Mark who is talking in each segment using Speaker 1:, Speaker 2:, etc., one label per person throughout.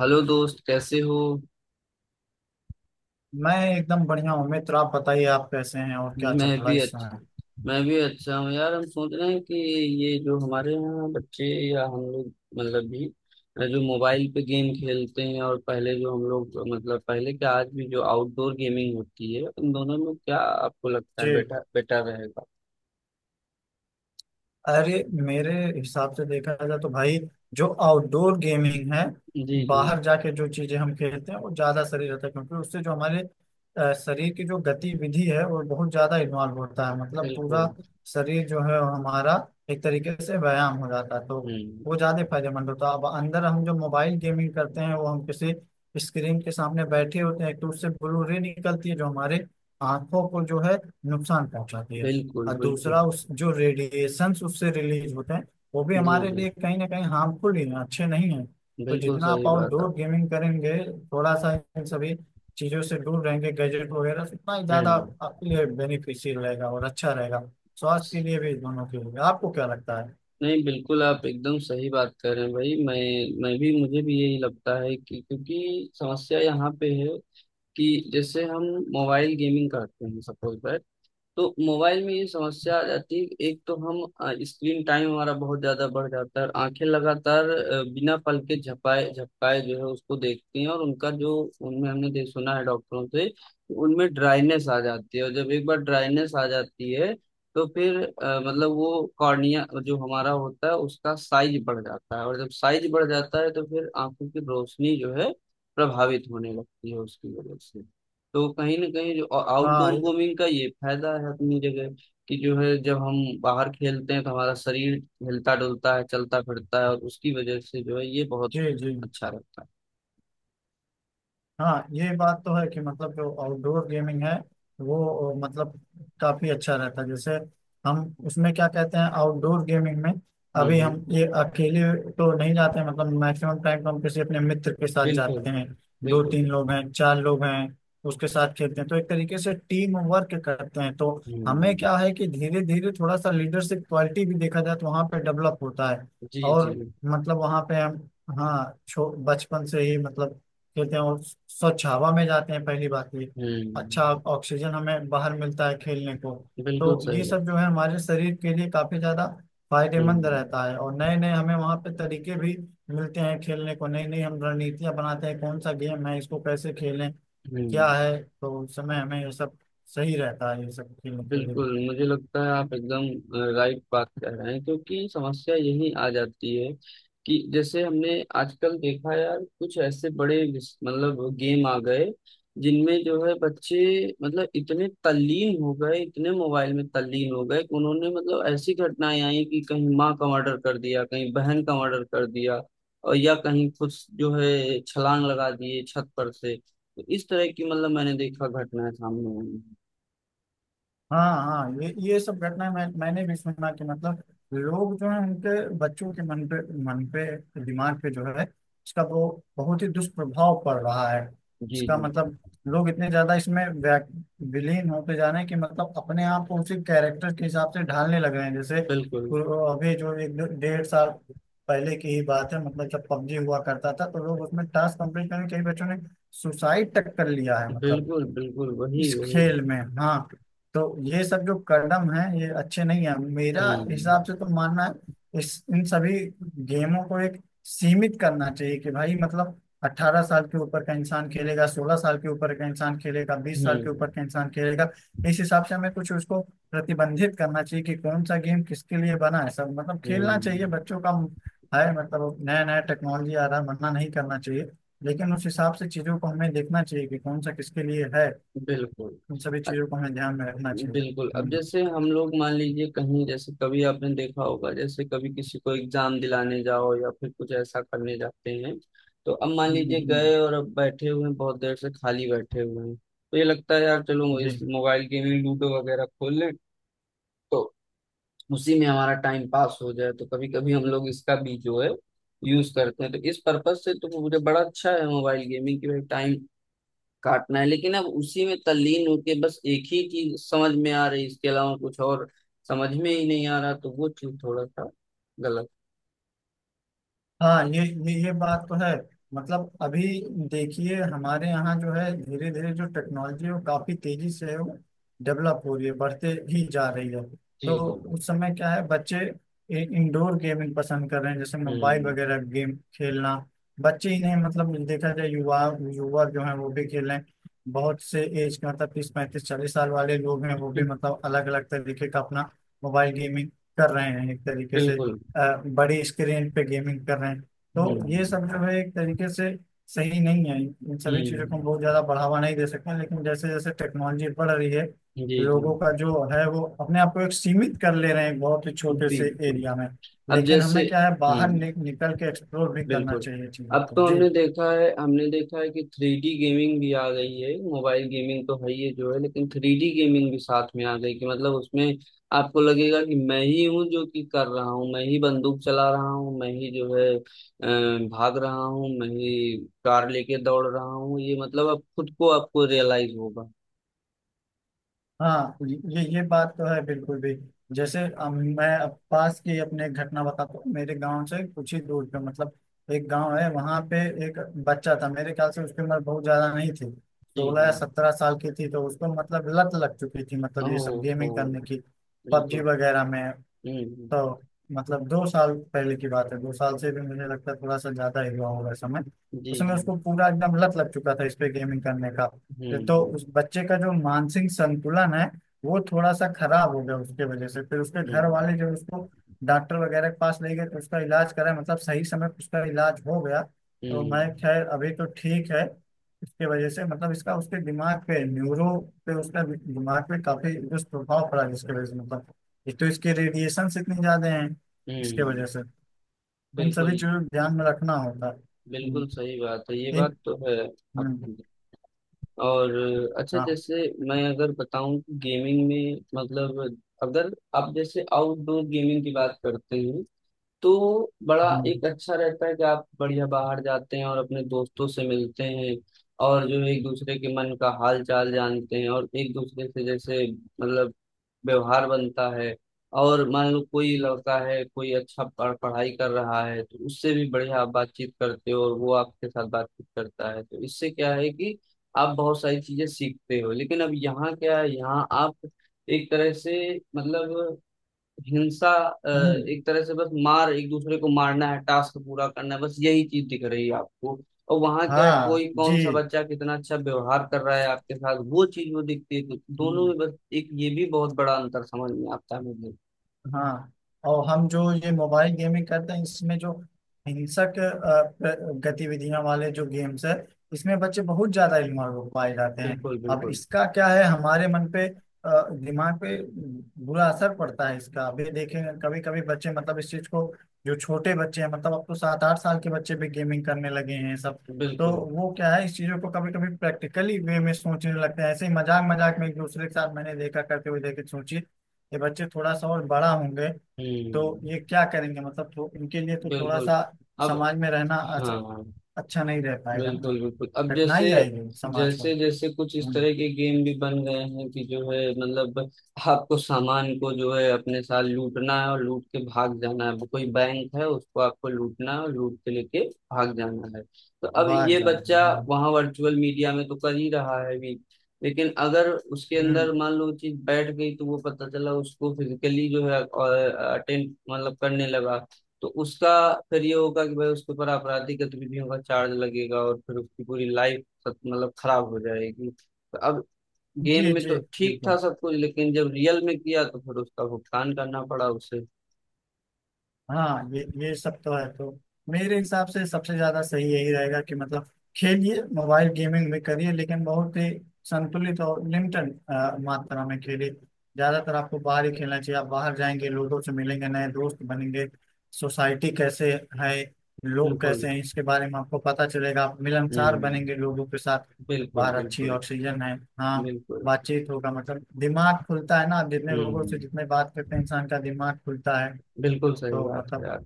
Speaker 1: Hello दोस्त, कैसे हो।
Speaker 2: मैं एकदम बढ़िया हूँ मित्र। आप बताइए, आप कैसे हैं और क्या
Speaker 1: मैं
Speaker 2: चल रहा
Speaker 1: भी
Speaker 2: है इस
Speaker 1: अच्छा।
Speaker 2: समय।
Speaker 1: मैं भी अच्छा हूँ यार। हम सोच रहे हैं कि ये जो हमारे यहाँ बच्चे या हम लोग, मतलब भी जो मोबाइल पे गेम खेलते हैं, और पहले जो हम लोग, मतलब पहले क्या आज भी, जो आउटडोर गेमिंग होती है, उन दोनों में क्या आपको लगता है
Speaker 2: जी,
Speaker 1: बेटा बेटा रहेगा?
Speaker 2: अरे मेरे हिसाब से देखा जाए तो भाई, जो आउटडोर गेमिंग है,
Speaker 1: जी जी।
Speaker 2: बाहर जाके जो चीजें हम खेलते हैं वो ज्यादा शरीर रहता है, क्योंकि उससे जो हमारे शरीर की जो गतिविधि है वो बहुत ज्यादा इन्वॉल्व होता है, मतलब पूरा
Speaker 1: बिल्कुल।
Speaker 2: शरीर जो है वो हमारा एक तरीके से व्यायाम हो जाता है, तो वो
Speaker 1: हम्म।
Speaker 2: ज्यादा फायदेमंद होता है। अब अंदर हम जो मोबाइल गेमिंग करते हैं, वो हम किसी स्क्रीन के सामने बैठे होते हैं, तो उससे ब्लू रे निकलती है जो हमारे आंखों को जो है नुकसान पहुंचाती है।
Speaker 1: बिल्कुल
Speaker 2: और
Speaker 1: बिल्कुल।
Speaker 2: दूसरा, उस जो रेडिएशंस उससे रिलीज होते हैं, वो भी
Speaker 1: जी
Speaker 2: हमारे
Speaker 1: जी।
Speaker 2: लिए कहीं ना कहीं हार्मफुल ही हैं, अच्छे नहीं हैं। तो
Speaker 1: बिल्कुल
Speaker 2: जितना आप
Speaker 1: सही बात है।
Speaker 2: आउटडोर गेमिंग करेंगे, थोड़ा सा इन सभी चीज़ों से दूर रहेंगे, गैजेट वगैरह से, उतना ही ज़्यादा
Speaker 1: हम्म।
Speaker 2: आपके लिए बेनिफिशियल रहेगा और अच्छा रहेगा, स्वास्थ्य के लिए भी, दोनों के लिए। आपको क्या लगता है?
Speaker 1: नहीं, बिल्कुल आप एकदम सही बात कर रहे हैं भाई। मैं भी, मुझे भी यही लगता है कि, क्योंकि समस्या यहाँ पे है कि जैसे हम मोबाइल गेमिंग करते हैं सपोज, तो मोबाइल में ये समस्या आ जाती है, एक तो हम स्क्रीन टाइम हमारा बहुत ज्यादा बढ़ जाता है और आंखें लगातार बिना पल के झपाए झपकाए जो है उसको देखती हैं, और उनका जो उनमें हमने देख सुना है डॉक्टरों से कि उनमें ड्राइनेस आ जाती है, और जब एक बार ड्राइनेस आ जाती है तो फिर मतलब वो कॉर्निया जो हमारा होता है उसका साइज बढ़ जाता है, और जब साइज बढ़ जाता है तो फिर आंखों की रोशनी जो है प्रभावित होने लगती है उसकी वजह से। तो कहीं ना कहीं जो आउटडोर
Speaker 2: हाँ,
Speaker 1: गेमिंग का ये फायदा है अपनी जगह कि जो है, जब हम बाहर खेलते हैं तो हमारा शरीर हिलता डुलता है, चलता फिरता है, और उसकी वजह से जो है ये बहुत
Speaker 2: जी जी।
Speaker 1: अच्छा रहता है।
Speaker 2: हाँ, ये बात तो है कि मतलब जो आउटडोर गेमिंग है, वो मतलब काफी अच्छा रहता है। जैसे हम उसमें क्या कहते हैं आउटडोर गेमिंग में,
Speaker 1: हम्म
Speaker 2: अभी हम
Speaker 1: हम्म,
Speaker 2: ये अकेले तो नहीं जाते हैं, मतलब मैक्सिमम टाइम तो हम किसी अपने मित्र के साथ
Speaker 1: बिल्कुल
Speaker 2: जाते हैं, दो
Speaker 1: बिल्कुल।
Speaker 2: तीन लोग हैं, चार लोग हैं, उसके साथ खेलते हैं, तो एक तरीके से टीम वर्क करते हैं। तो हमें
Speaker 1: हम्म।
Speaker 2: क्या है कि धीरे धीरे थोड़ा सा लीडरशिप क्वालिटी भी, देखा जाए तो वहाँ पे डेवलप होता है।
Speaker 1: जी जी।
Speaker 2: और मतलब वहाँ पे हम, हाँ छो बचपन से ही मतलब खेलते हैं, और स्वच्छ हवा में जाते हैं पहली बात ये। अच्छा
Speaker 1: हम्म।
Speaker 2: ऑक्सीजन हमें बाहर मिलता है खेलने को, तो
Speaker 1: बिल्कुल सही
Speaker 2: ये
Speaker 1: बात।
Speaker 2: सब जो है हमारे शरीर के लिए काफी ज्यादा फायदेमंद
Speaker 1: हम्म
Speaker 2: रहता है। और नए नए हमें वहाँ पे तरीके भी मिलते हैं खेलने को, नई नई हम रणनीतियां बनाते हैं कौन सा गेम है, इसको कैसे खेलें क्या
Speaker 1: हम्म।
Speaker 2: है, तो उस समय हमें ये सब सही रहता है, ये सब खेलने के लिए।
Speaker 1: बिल्कुल, मुझे लगता है आप एकदम राइट बात कह रहे हैं, क्योंकि समस्या यही आ जाती है कि जैसे हमने आजकल देखा यार, कुछ ऐसे बड़े मतलब गेम आ गए जिनमें जो है बच्चे, मतलब इतने तल्लीन हो गए, इतने मोबाइल में तल्लीन हो गए कि उन्होंने, मतलब ऐसी घटनाएं आई कि कहीं माँ का मर्डर कर दिया, कहीं बहन का मर्डर कर दिया, और या कहीं कुछ जो है छलांग लगा दिए छत पर से। तो इस तरह की, मतलब मैंने देखा, घटनाएं सामने आई हैं।
Speaker 2: हाँ हाँ, ये सब घटनाएं मैंने भी सुना कि मतलब लोग जो है उनके बच्चों के मन पे, मन पे, दिमाग पे जो है इसका वो बहुत ही दुष्प्रभाव पड़ रहा है।
Speaker 1: जी
Speaker 2: इसका
Speaker 1: जी।
Speaker 2: मतलब लोग इतने ज्यादा इसमें विलीन होते जा रहे हैं कि मतलब अपने आप को उसी कैरेक्टर के हिसाब से ढालने लग रहे हैं। जैसे
Speaker 1: बिल्कुल
Speaker 2: वो, अभी जो 1.5 साल पहले की ही बात है, मतलब जब पबजी हुआ करता था, तो लोग उसमें टास्क कंप्लीट करने कई बच्चों ने सुसाइड तक कर लिया है, मतलब
Speaker 1: बिल्कुल। बिल्कुल वही
Speaker 2: इस
Speaker 1: वही।
Speaker 2: खेल में। हाँ, तो ये सब जो कदम है ये अच्छे नहीं है, मेरा
Speaker 1: हम्म
Speaker 2: हिसाब से तो मानना है इस इन सभी गेमों को एक सीमित करना चाहिए, कि भाई मतलब 18 साल के ऊपर का इंसान खेलेगा, 16 साल के ऊपर का इंसान खेलेगा, 20 साल के
Speaker 1: हम्म
Speaker 2: ऊपर का इंसान खेलेगा। इस हिसाब से हमें कुछ उसको प्रतिबंधित करना चाहिए कि कौन सा गेम किसके लिए बना है, सब मतलब खेलना चाहिए
Speaker 1: हम्म।
Speaker 2: बच्चों का है, मतलब नया नया टेक्नोलॉजी आ रहा है, मना नहीं करना चाहिए, लेकिन उस हिसाब से चीजों को हमें देखना चाहिए कि कौन सा किसके लिए है।
Speaker 1: बिल्कुल।
Speaker 2: इन सभी
Speaker 1: अ-
Speaker 2: चीजों को हमें ध्यान में रखना चाहिए।
Speaker 1: बिल्कुल, अब जैसे हम लोग मान लीजिए कहीं, जैसे कभी आपने देखा होगा, जैसे कभी किसी को एग्जाम दिलाने जाओ या फिर कुछ ऐसा करने जाते हैं, तो अब मान
Speaker 2: हम्म,
Speaker 1: लीजिए
Speaker 2: हम्म,
Speaker 1: गए और अब बैठे हुए हैं, बहुत देर से खाली बैठे हुए हैं, तो ये लगता है यार चलो
Speaker 2: जी।
Speaker 1: इस मोबाइल गेम में लूडो वगैरह खोल लें, तो उसी में हमारा टाइम पास हो जाए। तो कभी कभी हम लोग इसका भी जो है यूज करते हैं, तो इस पर्पज से तो मुझे बड़ा अच्छा है मोबाइल गेमिंग की, भाई टाइम काटना है। लेकिन अब उसी में तल्लीन होके बस एक ही चीज समझ में आ रही, इसके अलावा कुछ और समझ में ही नहीं आ रहा, तो वो चीज थोड़ा सा गलत।
Speaker 2: हाँ, ये बात तो है। मतलब अभी देखिए, हमारे यहाँ जो है धीरे धीरे जो टेक्नोलॉजी है वो काफी तेजी से डेवलप हो रही है, बढ़ते ही जा रही है।
Speaker 1: जी
Speaker 2: तो
Speaker 1: जी।
Speaker 2: उस समय क्या है, बच्चे इंडोर गेमिंग पसंद कर रहे हैं, जैसे मोबाइल
Speaker 1: हम्म
Speaker 2: वगैरह गेम खेलना। बच्चे ही नहीं, मतलब देखा जाए युवा, युवा जो है वो भी खेल रहे हैं। बहुत से एज के, मतलब 30, 35, 40 साल वाले लोग हैं वो भी,
Speaker 1: हम्म,
Speaker 2: मतलब अलग अलग तरीके का अपना मोबाइल गेमिंग कर रहे हैं एक तरीके से,
Speaker 1: बिल्कुल।
Speaker 2: बड़ी स्क्रीन पे गेमिंग कर रहे हैं। तो ये
Speaker 1: हम्म
Speaker 2: सब जो है एक तरीके से सही नहीं है, इन सभी चीज़ों को हम
Speaker 1: हम्म।
Speaker 2: बहुत ज़्यादा बढ़ावा नहीं दे सकते हैं, लेकिन जैसे जैसे टेक्नोलॉजी बढ़ रही है
Speaker 1: जी जी।
Speaker 2: लोगों का जो है वो अपने आप को एक सीमित कर ले रहे हैं, एक बहुत ही छोटे से
Speaker 1: बिल्कुल
Speaker 2: एरिया में।
Speaker 1: अब
Speaker 2: लेकिन
Speaker 1: जैसे।
Speaker 2: हमें क्या है, बाहर
Speaker 1: हम्म।
Speaker 2: निकल के एक्सप्लोर भी करना
Speaker 1: बिल्कुल,
Speaker 2: चाहिए चीज़ों
Speaker 1: अब
Speaker 2: को
Speaker 1: तो
Speaker 2: जी।
Speaker 1: हमने देखा है, हमने देखा है कि थ्री डी गेमिंग भी आ गई है। मोबाइल गेमिंग तो है ही है जो है, लेकिन थ्री डी गेमिंग भी साथ में आ गई, कि मतलब उसमें आपको लगेगा कि मैं ही हूँ जो कि कर रहा हूँ, मैं ही बंदूक चला रहा हूँ, मैं ही जो है भाग रहा हूँ, मैं ही कार लेके दौड़ रहा हूँ, ये मतलब अब खुद को आपको रियलाइज होगा।
Speaker 2: हाँ ये बात तो है बिल्कुल भी। जैसे मैं अब पास की अपने घटना बताता हूँ। मेरे गांव से कुछ ही दूर पे मतलब एक गांव है, वहां पे एक बच्चा था, मेरे ख्याल से उसकी उम्र बहुत ज्यादा नहीं थी,
Speaker 1: जी
Speaker 2: सोलह
Speaker 1: जी।
Speaker 2: या सत्रह साल की थी। तो उसको मतलब लत लग चुकी थी
Speaker 1: ओ।
Speaker 2: मतलब ये सब
Speaker 1: ओ।
Speaker 2: गेमिंग करने की, पबजी
Speaker 1: बिल्कुल।
Speaker 2: वगैरह में।
Speaker 1: हम्म हम्म,
Speaker 2: तो मतलब 2 साल पहले की बात है, 2 साल से भी मुझे लगता है थोड़ा सा ज्यादा ही हुआ होगा समय।
Speaker 1: जी
Speaker 2: उसमें
Speaker 1: जी।
Speaker 2: उसको पूरा एकदम लत लग चुका था इस पे गेमिंग करने का।
Speaker 1: हम्म
Speaker 2: तो
Speaker 1: हम्म
Speaker 2: उस बच्चे का जो मानसिक संतुलन है वो थोड़ा सा खराब हो गया उसके वजह से, फिर उसके घर वाले
Speaker 1: हम्म
Speaker 2: जो उसको डॉक्टर वगैरह के पास ले गए, तो उसका इलाज करा, मतलब सही समय पे उसका इलाज हो गया। तो मैं,
Speaker 1: हम्म
Speaker 2: खैर अभी तो ठीक है। इसके वजह से मतलब इसका उसके दिमाग पे न्यूरो पे, उसका दिमाग पे काफी दुष्प्रभाव पड़ा जिसके वजह से मतलब, एक तो इसके रेडिएशन इतने ज्यादा हैं इसके
Speaker 1: हम्म।
Speaker 2: वजह से। इन सभी
Speaker 1: बिल्कुल।
Speaker 2: चीजों को ध्यान में रखना होता है। हम्म,
Speaker 1: बिल्कुल सही बात है, ये
Speaker 2: इन,
Speaker 1: बात तो है
Speaker 2: हम्म,
Speaker 1: आपकी। और अच्छा,
Speaker 2: हाँ,
Speaker 1: जैसे मैं अगर बताऊं कि गेमिंग में, मतलब अगर आप जैसे आउटडोर गेमिंग की बात करते हैं, तो बड़ा
Speaker 2: हम्म,
Speaker 1: एक अच्छा रहता है कि आप बढ़िया बाहर जाते हैं और अपने दोस्तों से मिलते हैं, और जो एक दूसरे के मन का हाल चाल जानते हैं, और एक दूसरे से जैसे मतलब व्यवहार बनता है। और मान लो कोई
Speaker 2: हम्म,
Speaker 1: लड़का है, कोई अच्छा पढ़ाई कर रहा है, तो उससे भी बढ़िया आप बातचीत करते हो और वो आपके साथ बातचीत करता है, तो इससे क्या है कि आप बहुत सारी चीजें सीखते हो। लेकिन अब यहाँ क्या है, यहाँ आप एक तरह से मतलब हिंसा, अ,
Speaker 2: हम्म,
Speaker 1: एक तरह से बस मार, एक दूसरे को मारना है, टास्क पूरा करना है, बस यही चीज दिख रही है आपको, और वहां क्या है कोई
Speaker 2: हाँ जी।
Speaker 1: कौन सा बच्चा कितना अच्छा व्यवहार कर रहा है आपके साथ, वो चीज वो दिखती है। तो दोनों
Speaker 2: हम्म।
Speaker 1: में बस एक ये भी बहुत बड़ा अंतर समझ में आता है मुझे।
Speaker 2: हाँ, और हम जो ये मोबाइल गेमिंग करते हैं इसमें जो हिंसक गतिविधियां वाले जो गेम्स है, इसमें बच्चे बहुत ज्यादा इन्वॉल्व हो पाए जाते हैं।
Speaker 1: बिल्कुल
Speaker 2: अब
Speaker 1: बिल्कुल
Speaker 2: इसका क्या है, हमारे मन पे, दिमाग पे बुरा असर पड़ता है इसका। अभी देखेंगे कभी कभी बच्चे मतलब इस चीज को, जो छोटे बच्चे हैं मतलब अब तो 7 आठ साल के बच्चे भी गेमिंग करने लगे हैं सब। तो
Speaker 1: बिल्कुल।
Speaker 2: वो क्या है, इस चीजों को कभी कभी प्रैक्टिकली वे में सोचने लगते हैं, ऐसे ही मजाक मजाक में एक दूसरे के साथ मैंने देखा करते हुए देखे। सोचिए ये बच्चे थोड़ा सा और बड़ा होंगे तो ये
Speaker 1: हम्म।
Speaker 2: क्या करेंगे, मतलब तो इनके लिए तो थोड़ा
Speaker 1: बिल्कुल
Speaker 2: सा
Speaker 1: अब।
Speaker 2: समाज में रहना
Speaker 1: हाँ।
Speaker 2: अच्छा नहीं रह पाएगा ना,
Speaker 1: बिल्कुल बिल्कुल। अब जैसे
Speaker 2: कठिनाई आएगी समाज को।
Speaker 1: जैसे जैसे कुछ इस
Speaker 2: हम्म,
Speaker 1: तरह के गेम भी बन गए हैं कि जो है मतलब आपको सामान को जो है अपने साथ लूटना है और लूट के भाग जाना है। कोई बैंक है उसको आपको लूटना है और लूट के लेके भाग जाना है। तो अब
Speaker 2: बाहर
Speaker 1: ये
Speaker 2: जाना,
Speaker 1: बच्चा
Speaker 2: हाँ।
Speaker 1: वहां वर्चुअल मीडिया में तो कर ही रहा है अभी, लेकिन अगर उसके
Speaker 2: हम्म,
Speaker 1: अंदर मान लो चीज बैठ गई, तो वो पता चला उसको फिजिकली जो है अटेंड मतलब करने लगा। तो उसका फिर ये होगा कि भाई उसके ऊपर आपराधिक गतिविधियों का चार्ज लगेगा, और फिर उसकी पूरी लाइफ मतलब खराब हो जाएगी। तो अब गेम
Speaker 2: जी
Speaker 1: में
Speaker 2: जी
Speaker 1: तो ठीक था
Speaker 2: बिल्कुल।
Speaker 1: सब कुछ, लेकिन जब रियल में किया तो फिर उसका भुगतान करना पड़ा उसे।
Speaker 2: हाँ ये सब तो है। तो मेरे हिसाब से सबसे ज्यादा सही यही रहेगा कि मतलब खेलिए, मोबाइल गेमिंग भी करिए, लेकिन बहुत ही संतुलित और लिमिटेड मात्रा में खेलिए। ज्यादातर आपको बाहर ही खेलना चाहिए, आप बाहर जाएंगे, लोगों से मिलेंगे, नए दोस्त बनेंगे, सोसाइटी कैसे है, लोग
Speaker 1: बिल्कुल।
Speaker 2: कैसे हैं, इसके बारे में आपको पता चलेगा, आप मिलनसार
Speaker 1: हम्म।
Speaker 2: बनेंगे लोगों के साथ।
Speaker 1: बिल्कुल
Speaker 2: बाहर अच्छी
Speaker 1: बिल्कुल
Speaker 2: ऑक्सीजन है। हाँ,
Speaker 1: बिल्कुल।
Speaker 2: बातचीत होगा, मतलब दिमाग खुलता है ना, आप जितने लोगों से
Speaker 1: हम्म।
Speaker 2: जितने बात करते हैं इंसान का दिमाग खुलता है।
Speaker 1: बिल्कुल सही
Speaker 2: तो
Speaker 1: बात है
Speaker 2: मतलब
Speaker 1: यार।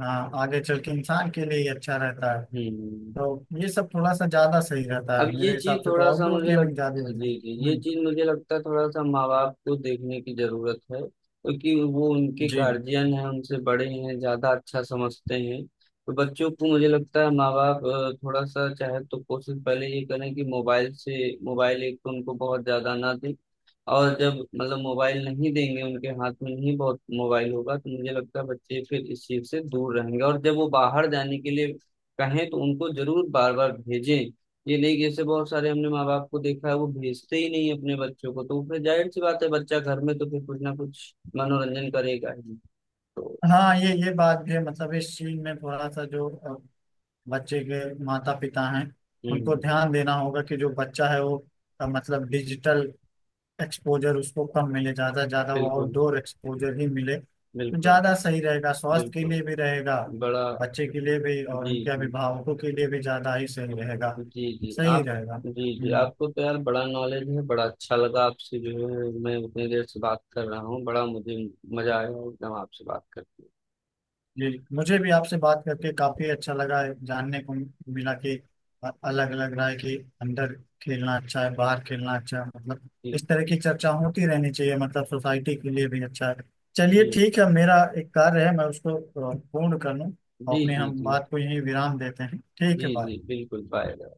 Speaker 2: हाँ, आगे चल के इंसान के लिए ही अच्छा रहता है।
Speaker 1: हम्म।
Speaker 2: तो ये सब थोड़ा सा ज्यादा सही रहता
Speaker 1: अब
Speaker 2: है
Speaker 1: ये
Speaker 2: मेरे
Speaker 1: चीज
Speaker 2: हिसाब से, तो
Speaker 1: थोड़ा सा
Speaker 2: आउटडोर
Speaker 1: मुझे लग,
Speaker 2: गेमिंग ज्यादा हो जाए।
Speaker 1: जी जी, ये
Speaker 2: हम्म,
Speaker 1: चीज मुझे लगता है थोड़ा सा माँ बाप को देखने की जरूरत है, क्योंकि वो उनके
Speaker 2: जी।
Speaker 1: गार्जियन हैं, उनसे बड़े हैं, ज्यादा अच्छा समझते हैं। तो बच्चों को मुझे लगता है माँ बाप थोड़ा सा चाहे तो कोशिश पहले ये करें कि मोबाइल से, मोबाइल एक तो उनको बहुत ज्यादा ना दें। और जब मतलब मोबाइल नहीं देंगे उनके हाथ में, नहीं बहुत मोबाइल होगा, तो मुझे लगता है बच्चे फिर इस चीज से दूर रहेंगे। और जब वो बाहर जाने के लिए कहें तो उनको जरूर बार बार भेजें। ये नहीं कि जैसे बहुत सारे हमने माँ बाप को देखा है वो भेजते ही नहीं अपने बच्चों को, तो फिर जाहिर सी बात है बच्चा घर में तो फिर कुछ ना कुछ मनोरंजन करेगा ही। तो
Speaker 2: हाँ ये बात भी है, मतलब इस चीज में थोड़ा सा जो बच्चे के माता पिता हैं उनको
Speaker 1: हम्म,
Speaker 2: ध्यान देना होगा कि जो बच्चा है वो मतलब डिजिटल एक्सपोजर उसको कम मिले, ज़्यादा ज़्यादा वो
Speaker 1: बिल्कुल
Speaker 2: आउटडोर एक्सपोजर ही मिले तो
Speaker 1: बिल्कुल
Speaker 2: ज़्यादा सही रहेगा, स्वास्थ्य के
Speaker 1: बिल्कुल।
Speaker 2: लिए भी रहेगा,
Speaker 1: बड़ा।
Speaker 2: बच्चे के लिए भी और उनके
Speaker 1: जी
Speaker 2: अभिभावकों के लिए भी ज़्यादा ही सही रहेगा।
Speaker 1: जी जी।
Speaker 2: सही
Speaker 1: आप
Speaker 2: रहेगा।
Speaker 1: जी जी,
Speaker 2: हम्म।
Speaker 1: आपको तो यार बड़ा नॉलेज है, बड़ा अच्छा लगा आपसे। जो है मैं उतनी देर से बात कर रहा हूँ, बड़ा मुझे मजा आया एकदम आपसे बात करके।
Speaker 2: जी, मुझे भी आपसे बात करके काफी अच्छा लगा, है जानने को मिला कि अलग अलग राय कि अंदर खेलना अच्छा है, बाहर खेलना अच्छा है, मतलब
Speaker 1: जी
Speaker 2: इस तरह की चर्चा होती रहनी चाहिए, मतलब सोसाइटी के लिए भी अच्छा है। चलिए
Speaker 1: जी।
Speaker 2: ठीक है, मेरा एक कार्य है मैं उसको पूर्ण कर लूँ,
Speaker 1: जी
Speaker 2: अपने
Speaker 1: जी।
Speaker 2: हम
Speaker 1: जी
Speaker 2: बात को यहीं विराम देते हैं। ठीक है
Speaker 1: जी जी
Speaker 2: बाय।
Speaker 1: बिल्कुल पाएगा।